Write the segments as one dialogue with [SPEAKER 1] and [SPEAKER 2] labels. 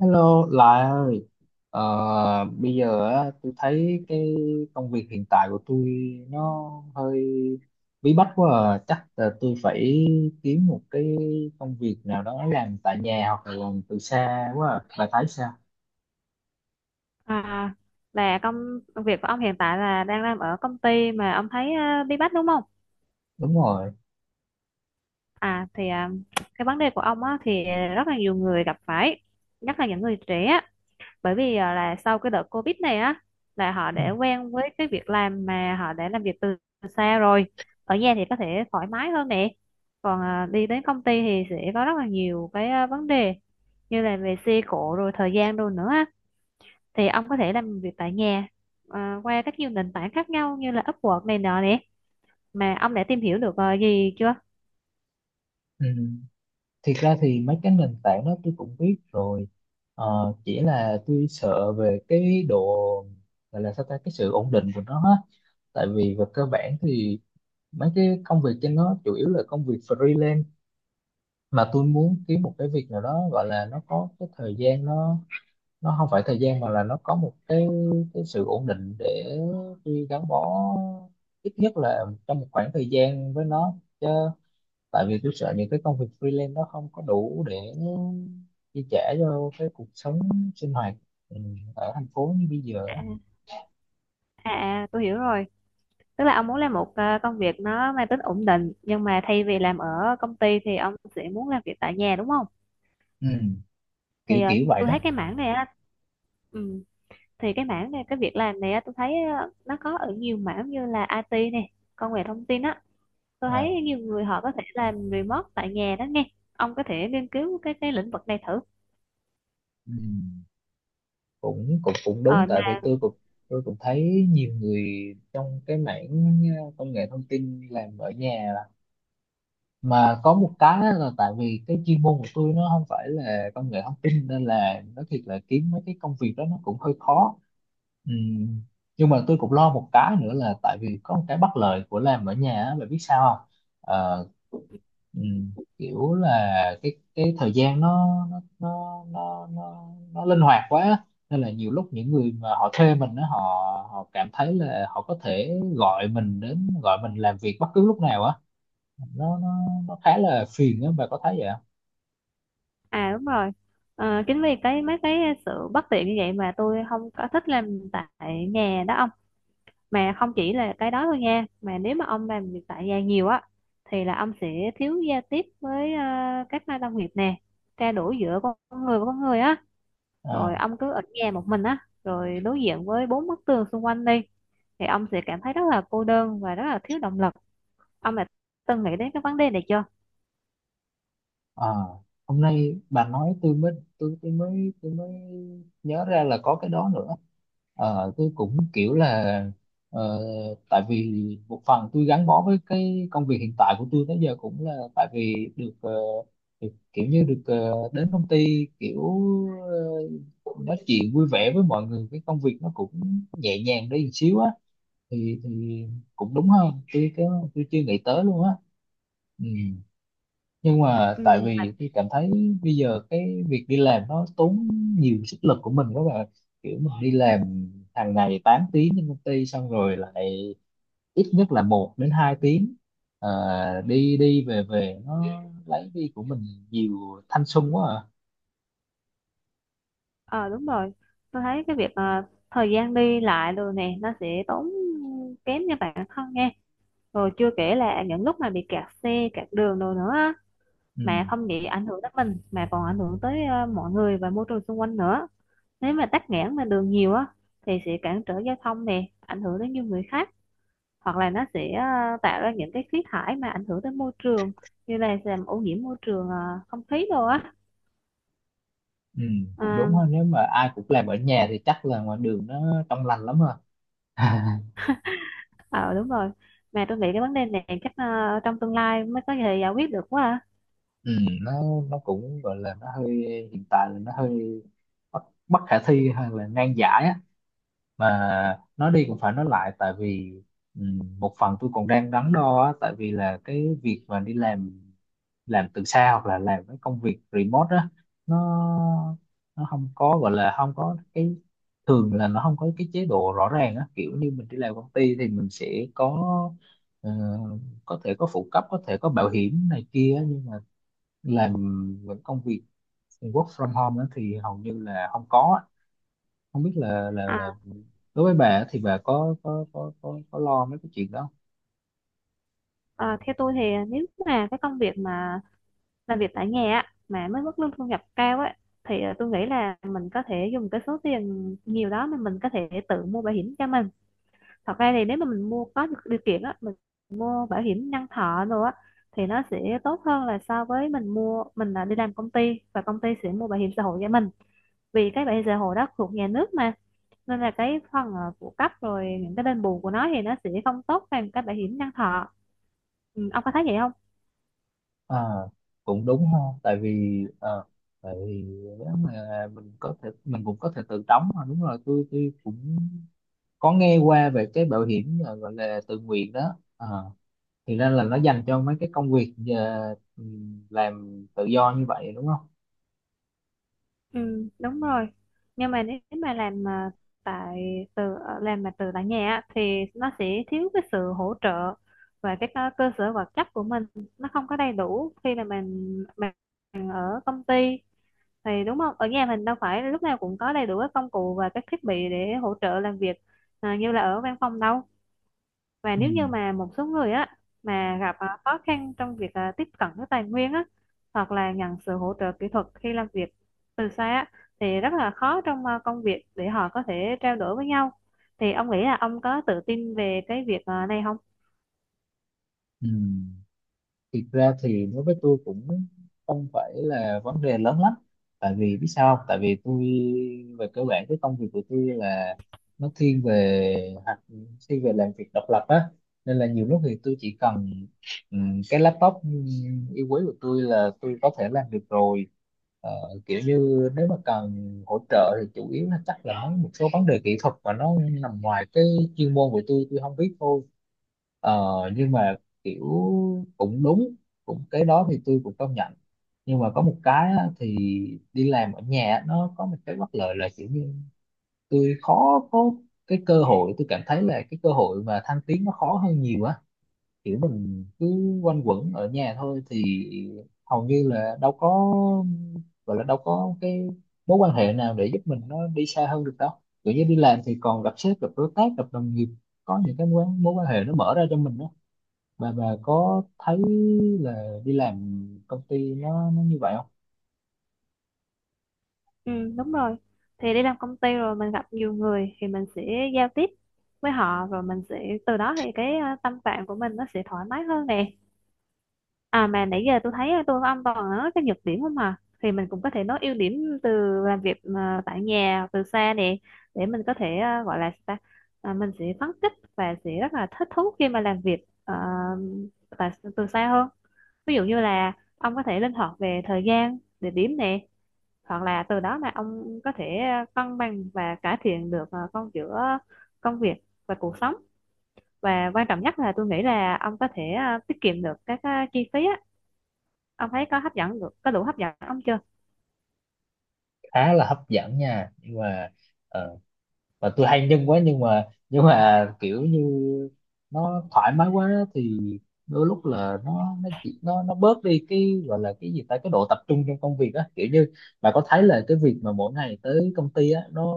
[SPEAKER 1] Hello, Lại ơi. Ờ, bây giờ á, tôi thấy cái công việc hiện tại của tôi nó hơi bí bách quá à. Chắc là tôi phải kiếm một cái công việc nào đó làm tại nhà hoặc là làm từ xa quá à. Bà thấy sao?
[SPEAKER 2] À, là công việc của ông hiện tại là đang làm ở công ty mà ông thấy bí bách đúng không?
[SPEAKER 1] Đúng rồi.
[SPEAKER 2] À thì à, cái vấn đề của ông á, thì rất là nhiều người gặp phải, nhất là những người trẻ á. Bởi vì là sau cái đợt Covid này á là họ
[SPEAKER 1] Ừ.
[SPEAKER 2] đã quen với cái việc làm mà họ đã làm việc từ xa rồi. Ở nhà thì có thể thoải mái hơn nè. Còn đi đến công ty thì sẽ có rất là nhiều cái vấn đề như là về xe cộ rồi thời gian đồ nữa á. Thì ông có thể làm việc tại nhà, qua các nhiều nền tảng khác nhau như là Upwork này nọ nè mà ông đã tìm hiểu được gì chưa?
[SPEAKER 1] Ừ. Thiệt ra thì mấy cái nền tảng đó tôi cũng biết rồi. Chỉ là tôi sợ về cái độ gọi là sao ta cái sự ổn định của nó á. Tại vì về cơ bản thì mấy cái công việc trên nó chủ yếu là công việc freelance, mà tôi muốn kiếm một cái việc nào đó gọi là nó có cái thời gian nó không phải thời gian mà là nó có một cái sự ổn định để tôi gắn bó ít nhất là trong một khoảng thời gian với nó chứ, tại vì tôi sợ những cái công việc freelance nó không có đủ để chi trả cho cái cuộc sống sinh hoạt, ừ, ở thành phố như bây giờ á.
[SPEAKER 2] à, à à, tôi hiểu rồi, tức là ông muốn làm một công việc nó mang tính ổn định nhưng mà thay vì làm ở công ty thì ông sẽ muốn làm việc tại nhà đúng không?
[SPEAKER 1] Ừ. Kiểu
[SPEAKER 2] Thì
[SPEAKER 1] kiểu vậy
[SPEAKER 2] tôi
[SPEAKER 1] đó.
[SPEAKER 2] thấy cái mảng này á, ừ, thì cái mảng này cái việc làm này á tôi thấy nó có ở nhiều mảng như là IT này, công nghệ thông tin á. Tôi thấy
[SPEAKER 1] À,
[SPEAKER 2] nhiều người họ có thể làm remote tại nhà đó nghe, ông có thể nghiên cứu cái lĩnh vực này thử.
[SPEAKER 1] ừ. cũng cũng cũng đúng
[SPEAKER 2] Ờ,
[SPEAKER 1] tại vì
[SPEAKER 2] mà
[SPEAKER 1] tôi cũng thấy nhiều người trong cái mảng công nghệ thông tin làm ở nhà, mà có một cái á là tại vì cái chuyên môn của tôi nó không phải là công nghệ thông tin nên là nó thiệt là kiếm mấy cái công việc đó nó cũng hơi khó. Ừm, nhưng mà tôi cũng lo một cái nữa là tại vì có một cái bất lợi của làm ở nhà á, bạn biết sao không? Ờ, ừ. Kiểu là cái thời gian nó linh hoạt quá á. Nên là nhiều lúc những người mà họ thuê mình đó, họ họ cảm thấy là họ có thể gọi mình đến gọi mình làm việc bất cứ lúc nào á, nó nó khá là phiền á, bà có thấy vậy không?
[SPEAKER 2] À đúng rồi. Ờ, chính vì cái mấy cái sự bất tiện như vậy mà tôi không có thích làm tại nhà đó ông. Mà không chỉ là cái đó thôi nha. Mà nếu mà ông làm việc tại nhà nhiều á thì là ông sẽ thiếu giao tiếp với các nơi đồng nghiệp nè, trao đổi giữa con người với con người á.
[SPEAKER 1] Ờ,
[SPEAKER 2] Rồi ông cứ ở nhà một mình á, rồi đối diện với bốn bức tường xung quanh đi thì ông sẽ cảm thấy rất là cô đơn và rất là thiếu động lực. Ông đã từng nghĩ đến cái vấn đề này chưa?
[SPEAKER 1] ờ. Hôm nay bà nói tôi mới nhớ ra là có cái đó nữa. Ờ, tôi cũng kiểu là ờ, tại vì một phần tôi gắn bó với cái công việc hiện tại của tôi tới giờ cũng là tại vì được, được kiểu như được đến công ty kiểu ờ, nói chuyện vui vẻ với mọi người cái công việc nó cũng nhẹ nhàng đi một xíu á, thì cũng đúng hơn tôi cái tôi chưa nghĩ tới luôn á. Ừ, nhưng mà tại
[SPEAKER 2] Ừ.
[SPEAKER 1] vì tôi cảm thấy bây giờ cái việc đi làm nó tốn nhiều sức lực của mình các bạn, kiểu mà đi làm hàng ngày 8 tiếng trên công ty xong rồi lại ít nhất là một đến 2 tiếng, Ờ, đi đi về về nó lấy đi của mình nhiều thanh xuân quá à.
[SPEAKER 2] Ờ đúng rồi, tôi thấy cái việc thời gian đi lại rồi nè nó sẽ tốn kém cho bản thân nha, rồi chưa kể là những lúc mà bị kẹt xe kẹt đường rồi nữa á,
[SPEAKER 1] Ừ,
[SPEAKER 2] mà không chỉ ảnh hưởng tới mình mà còn ảnh hưởng tới mọi người và môi trường xung quanh nữa. Nếu mà tắc nghẽn mà đường nhiều á thì sẽ cản trở giao thông nè, ảnh hưởng đến nhiều người khác, hoặc là nó sẽ tạo ra những cái khí thải mà ảnh hưởng tới môi trường, như là làm ô nhiễm môi trường không khí đồ á.
[SPEAKER 1] ừ,
[SPEAKER 2] Ờ,
[SPEAKER 1] cũng đúng ha, nếu mà ai cũng làm ở nhà thì chắc là ngoài đường nó trong lành lắm ha.
[SPEAKER 2] ờ đúng rồi, mà tôi nghĩ cái vấn đề này chắc trong tương lai mới có thể giải quyết được quá.
[SPEAKER 1] Ừ, nó nó cũng gọi là nó hơi hiện tại là nó hơi bất bất khả thi hay là ngang giải á, mà nói đi cũng phải nói lại tại vì một phần tôi còn đang đắn đo á, tại vì là cái việc mà đi làm từ xa hoặc là làm cái công việc remote á, nó nó không có gọi là không có cái thường là nó không có cái chế độ rõ ràng á, kiểu như mình đi làm công ty thì mình sẽ có ờ, có thể có phụ cấp có thể có bảo hiểm này kia á, nhưng làm những công việc work from home á thì hầu như là không có á, không biết là là
[SPEAKER 2] à. À,
[SPEAKER 1] là đối với bà á thì bà có có lo mấy cái chuyện đó không?
[SPEAKER 2] ờ, theo tôi thì nếu mà cái công việc mà làm việc tại nhà á, mà mới mức lương thu nhập cao ấy thì tôi nghĩ là mình có thể dùng cái số tiền nhiều đó mà mình có thể tự mua bảo hiểm cho mình. Thật ra thì nếu mà mình mua có điều kiện á, mình mua bảo hiểm nhân thọ rồi á thì nó sẽ tốt hơn là so với mình mua, mình là đi làm công ty và công ty sẽ mua bảo hiểm xã hội cho mình, vì cái bảo hiểm xã hội đó thuộc nhà nước mà. Nên là cái phần phụ cấp rồi những cái đền bù của nó thì nó sẽ không tốt bằng cái bảo hiểm nhân thọ. Ừ, ông có thấy vậy không?
[SPEAKER 1] À, cũng đúng ha, tại vì tại vì nếu mà mình có thể mình cũng có thể tự đóng mà đúng rồi tôi cũng có nghe qua về cái bảo hiểm gọi là tự nguyện đó à, thì ra là nó dành cho mấy cái công việc làm tự do như vậy đúng không?
[SPEAKER 2] Ừ, đúng rồi, nhưng mà nếu mà làm mà tại từ ờ, làm mà từ tại nhà á, thì nó sẽ thiếu cái sự hỗ trợ và cái cơ cơ sở vật chất của mình. Nó không có đầy đủ khi mà mình ở công ty thì, đúng không, ở nhà mình đâu phải lúc nào cũng có đầy đủ các công cụ và các thiết bị để hỗ trợ làm việc như là ở văn phòng đâu. Và
[SPEAKER 1] Ừ.
[SPEAKER 2] nếu như mà một số người á mà gặp khó khăn trong việc tiếp cận với tài nguyên á, hoặc là nhận sự hỗ trợ kỹ thuật khi làm việc từ xa á thì rất là khó trong công việc để họ có thể trao đổi với nhau. Thì ông nghĩ là ông có tự tin về cái việc này không?
[SPEAKER 1] Ừ. Thực ra thì đối với tôi cũng không phải là vấn đề lớn lắm, tại vì biết sao không? Tại vì tôi về cơ bản cái công việc của tôi là nó thiên về hoặc thiên về làm việc độc lập á, nên là nhiều lúc thì tôi chỉ cần cái laptop yêu quý của tôi là tôi có thể làm được rồi. Ờ, kiểu như nếu mà cần hỗ trợ thì chủ yếu là chắc là mấy một số vấn đề kỹ thuật mà nó nằm ngoài cái chuyên môn của tôi không biết thôi. Ờ, nhưng mà kiểu cũng đúng cũng cái đó thì tôi cũng công nhận, nhưng mà có một cái á, thì đi làm ở nhà á, nó có một cái bất lợi là kiểu như tôi khó có cái cơ hội tôi cảm thấy là cái cơ hội mà thăng tiến nó khó hơn nhiều á, kiểu mình cứ quanh quẩn ở nhà thôi thì hầu như là đâu có gọi là đâu có cái mối quan hệ nào để giúp mình nó đi xa hơn được đâu, kiểu như đi làm thì còn gặp sếp gặp đối tác gặp đồng nghiệp có những cái mối, mối quan hệ nó mở ra cho mình đó, bà có thấy là đi làm công ty nó như vậy không?
[SPEAKER 2] Ừ đúng rồi, thì đi làm công ty rồi mình gặp nhiều người thì mình sẽ giao tiếp với họ, rồi mình sẽ từ đó thì cái tâm trạng của mình nó sẽ thoải mái hơn nè. À mà nãy giờ tôi thấy tôi với ông toàn nói cái nhược điểm không à, thì mình cũng có thể nói ưu điểm từ làm việc mà tại nhà từ xa nè, để mình có thể gọi là sao ta? À, mình sẽ phấn khích và sẽ rất là thích thú khi mà làm việc ờ, tại từ xa hơn. Ví dụ như là ông có thể linh hoạt về thời gian địa điểm nè, hoặc là từ đó mà ông có thể cân bằng và cải thiện được con giữa công việc và cuộc sống. Và quan trọng nhất là tôi nghĩ là ông có thể tiết kiệm được các chi phí á. Ông thấy có hấp dẫn, có đủ hấp dẫn ông chưa?
[SPEAKER 1] Khá là hấp dẫn nha, nhưng mà ờ, và tôi hay nhân quá nhưng mà kiểu như nó thoải mái quá thì đôi lúc là nó chỉ nó bớt đi cái gọi là cái gì ta cái độ tập trung trong công việc á, kiểu như bà có thấy là cái việc mà mỗi ngày tới công ty á nó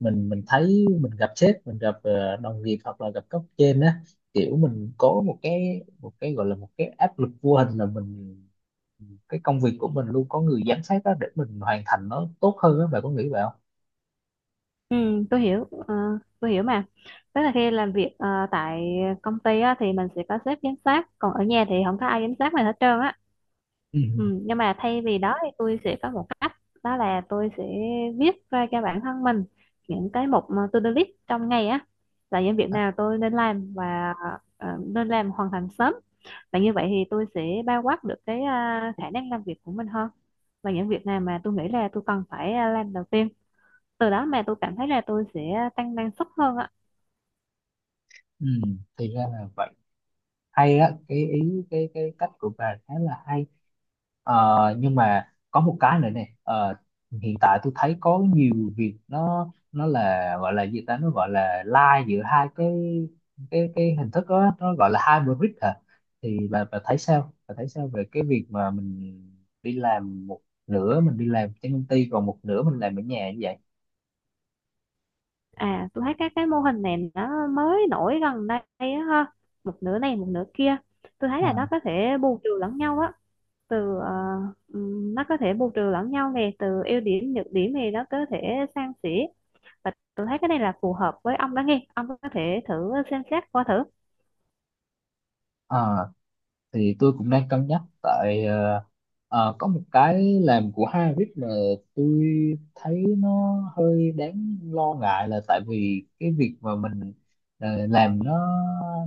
[SPEAKER 1] mình thấy mình gặp sếp mình gặp đồng nghiệp hoặc là gặp cấp trên á, kiểu mình có một cái gọi là một cái áp lực vô hình là mình cái công việc của mình luôn có người giám sát á để mình hoàn thành nó tốt hơn á, bà có nghĩ vậy không?
[SPEAKER 2] Ừ, tôi hiểu mà, tức là khi làm việc tại công ty á, thì mình sẽ có sếp giám sát, còn ở nhà thì không có ai giám sát mình hết trơn á.
[SPEAKER 1] Ừ.
[SPEAKER 2] Ừ, nhưng mà thay vì đó thì tôi sẽ có một cách, đó là tôi sẽ viết ra cho bản thân mình những cái mục mà to-do list trong ngày á, là những việc nào tôi nên làm và nên làm hoàn thành sớm. Và như vậy thì tôi sẽ bao quát được cái khả năng làm việc của mình hơn, và những việc nào mà tôi nghĩ là tôi cần phải làm đầu tiên, từ đó mà tôi cảm thấy là tôi sẽ tăng năng suất hơn ạ.
[SPEAKER 1] Ừ, thì ra là vậy, hay á cái ý, cái cách của bà khá là hay. Ờ, nhưng mà có một cái nữa nè. Ờ, hiện tại tôi thấy có nhiều việc nó là gọi là gì ta nó gọi là lai giữa hai cái cái hình thức đó nó gọi là hybrid hả, thì bà thấy sao bà thấy sao về cái việc mà mình đi làm một nửa mình đi làm trên công ty còn một nửa mình làm ở nhà như vậy?
[SPEAKER 2] À tôi thấy các cái mô hình này nó mới nổi gần đây á ha, một nửa này một nửa kia, tôi thấy
[SPEAKER 1] Ờ,
[SPEAKER 2] là nó có thể bù trừ lẫn nhau á, từ nó có thể bù trừ lẫn nhau nè, từ ưu điểm nhược điểm thì nó có thể san sẻ. Và tôi thấy cái này là phù hợp với ông đó nghe, ông có thể thử xem xét qua thử.
[SPEAKER 1] ờ. Thì tôi cũng đang cân nhắc tại có một cái làm của Harvard mà tôi thấy nó hơi đáng lo ngại là tại vì cái việc mà mình làm nó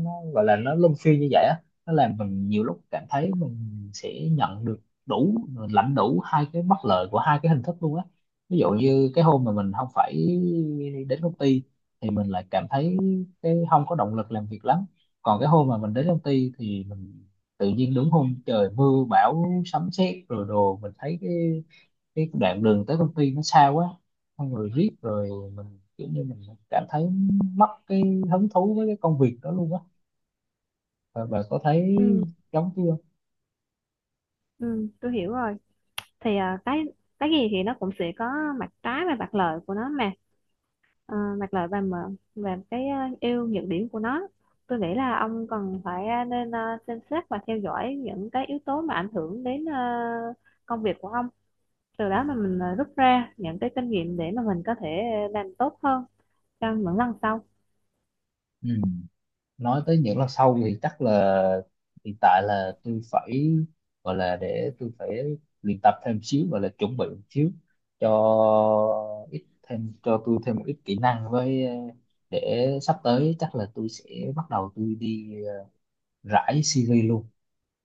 [SPEAKER 1] nó gọi là nó luân phiên như vậy á nó làm mình nhiều lúc cảm thấy mình sẽ nhận được đủ lãnh đủ hai cái bất lợi của hai cái hình thức luôn á, ví dụ như cái hôm mà mình không phải đến công ty thì mình lại cảm thấy cái không có động lực làm việc lắm, còn cái hôm mà mình đến công ty thì mình tự nhiên đúng hôm trời mưa bão sấm sét rồi đồ mình thấy cái đoạn đường tới công ty nó xa quá, xong rồi riết rồi mình kiểu như mình cảm thấy mất cái hứng thú với cái công việc đó luôn á, và bà có thấy
[SPEAKER 2] ừ,
[SPEAKER 1] giống chưa?
[SPEAKER 2] ừ, tôi hiểu rồi, thì cái gì thì nó cũng sẽ có mặt trái và mặt lợi của nó mà. Ờ, mặt lợi và mờ và cái ưu nhược điểm của nó, tôi nghĩ là ông cần phải xem xét và theo dõi những cái yếu tố mà ảnh hưởng đến công việc của ông, từ đó mà mình rút ra những cái kinh nghiệm để mà mình có thể làm tốt hơn trong những lần sau.
[SPEAKER 1] Ừ. Nói tới những lần sau thì chắc là hiện tại là tôi phải gọi là để tôi phải luyện tập thêm xíu gọi là chuẩn bị một xíu cho ít thêm cho tôi thêm một ít kỹ năng với để sắp tới chắc là tôi sẽ bắt đầu tôi đi rải CV luôn.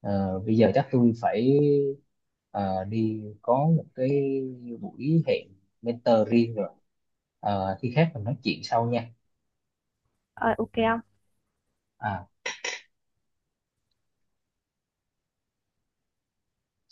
[SPEAKER 1] Ờ, bây giờ chắc tôi phải đi có một cái buổi hẹn mentor riêng rồi. Ờ, khi khác mình nói chuyện sau nha.
[SPEAKER 2] Ờ, ok không.
[SPEAKER 1] À.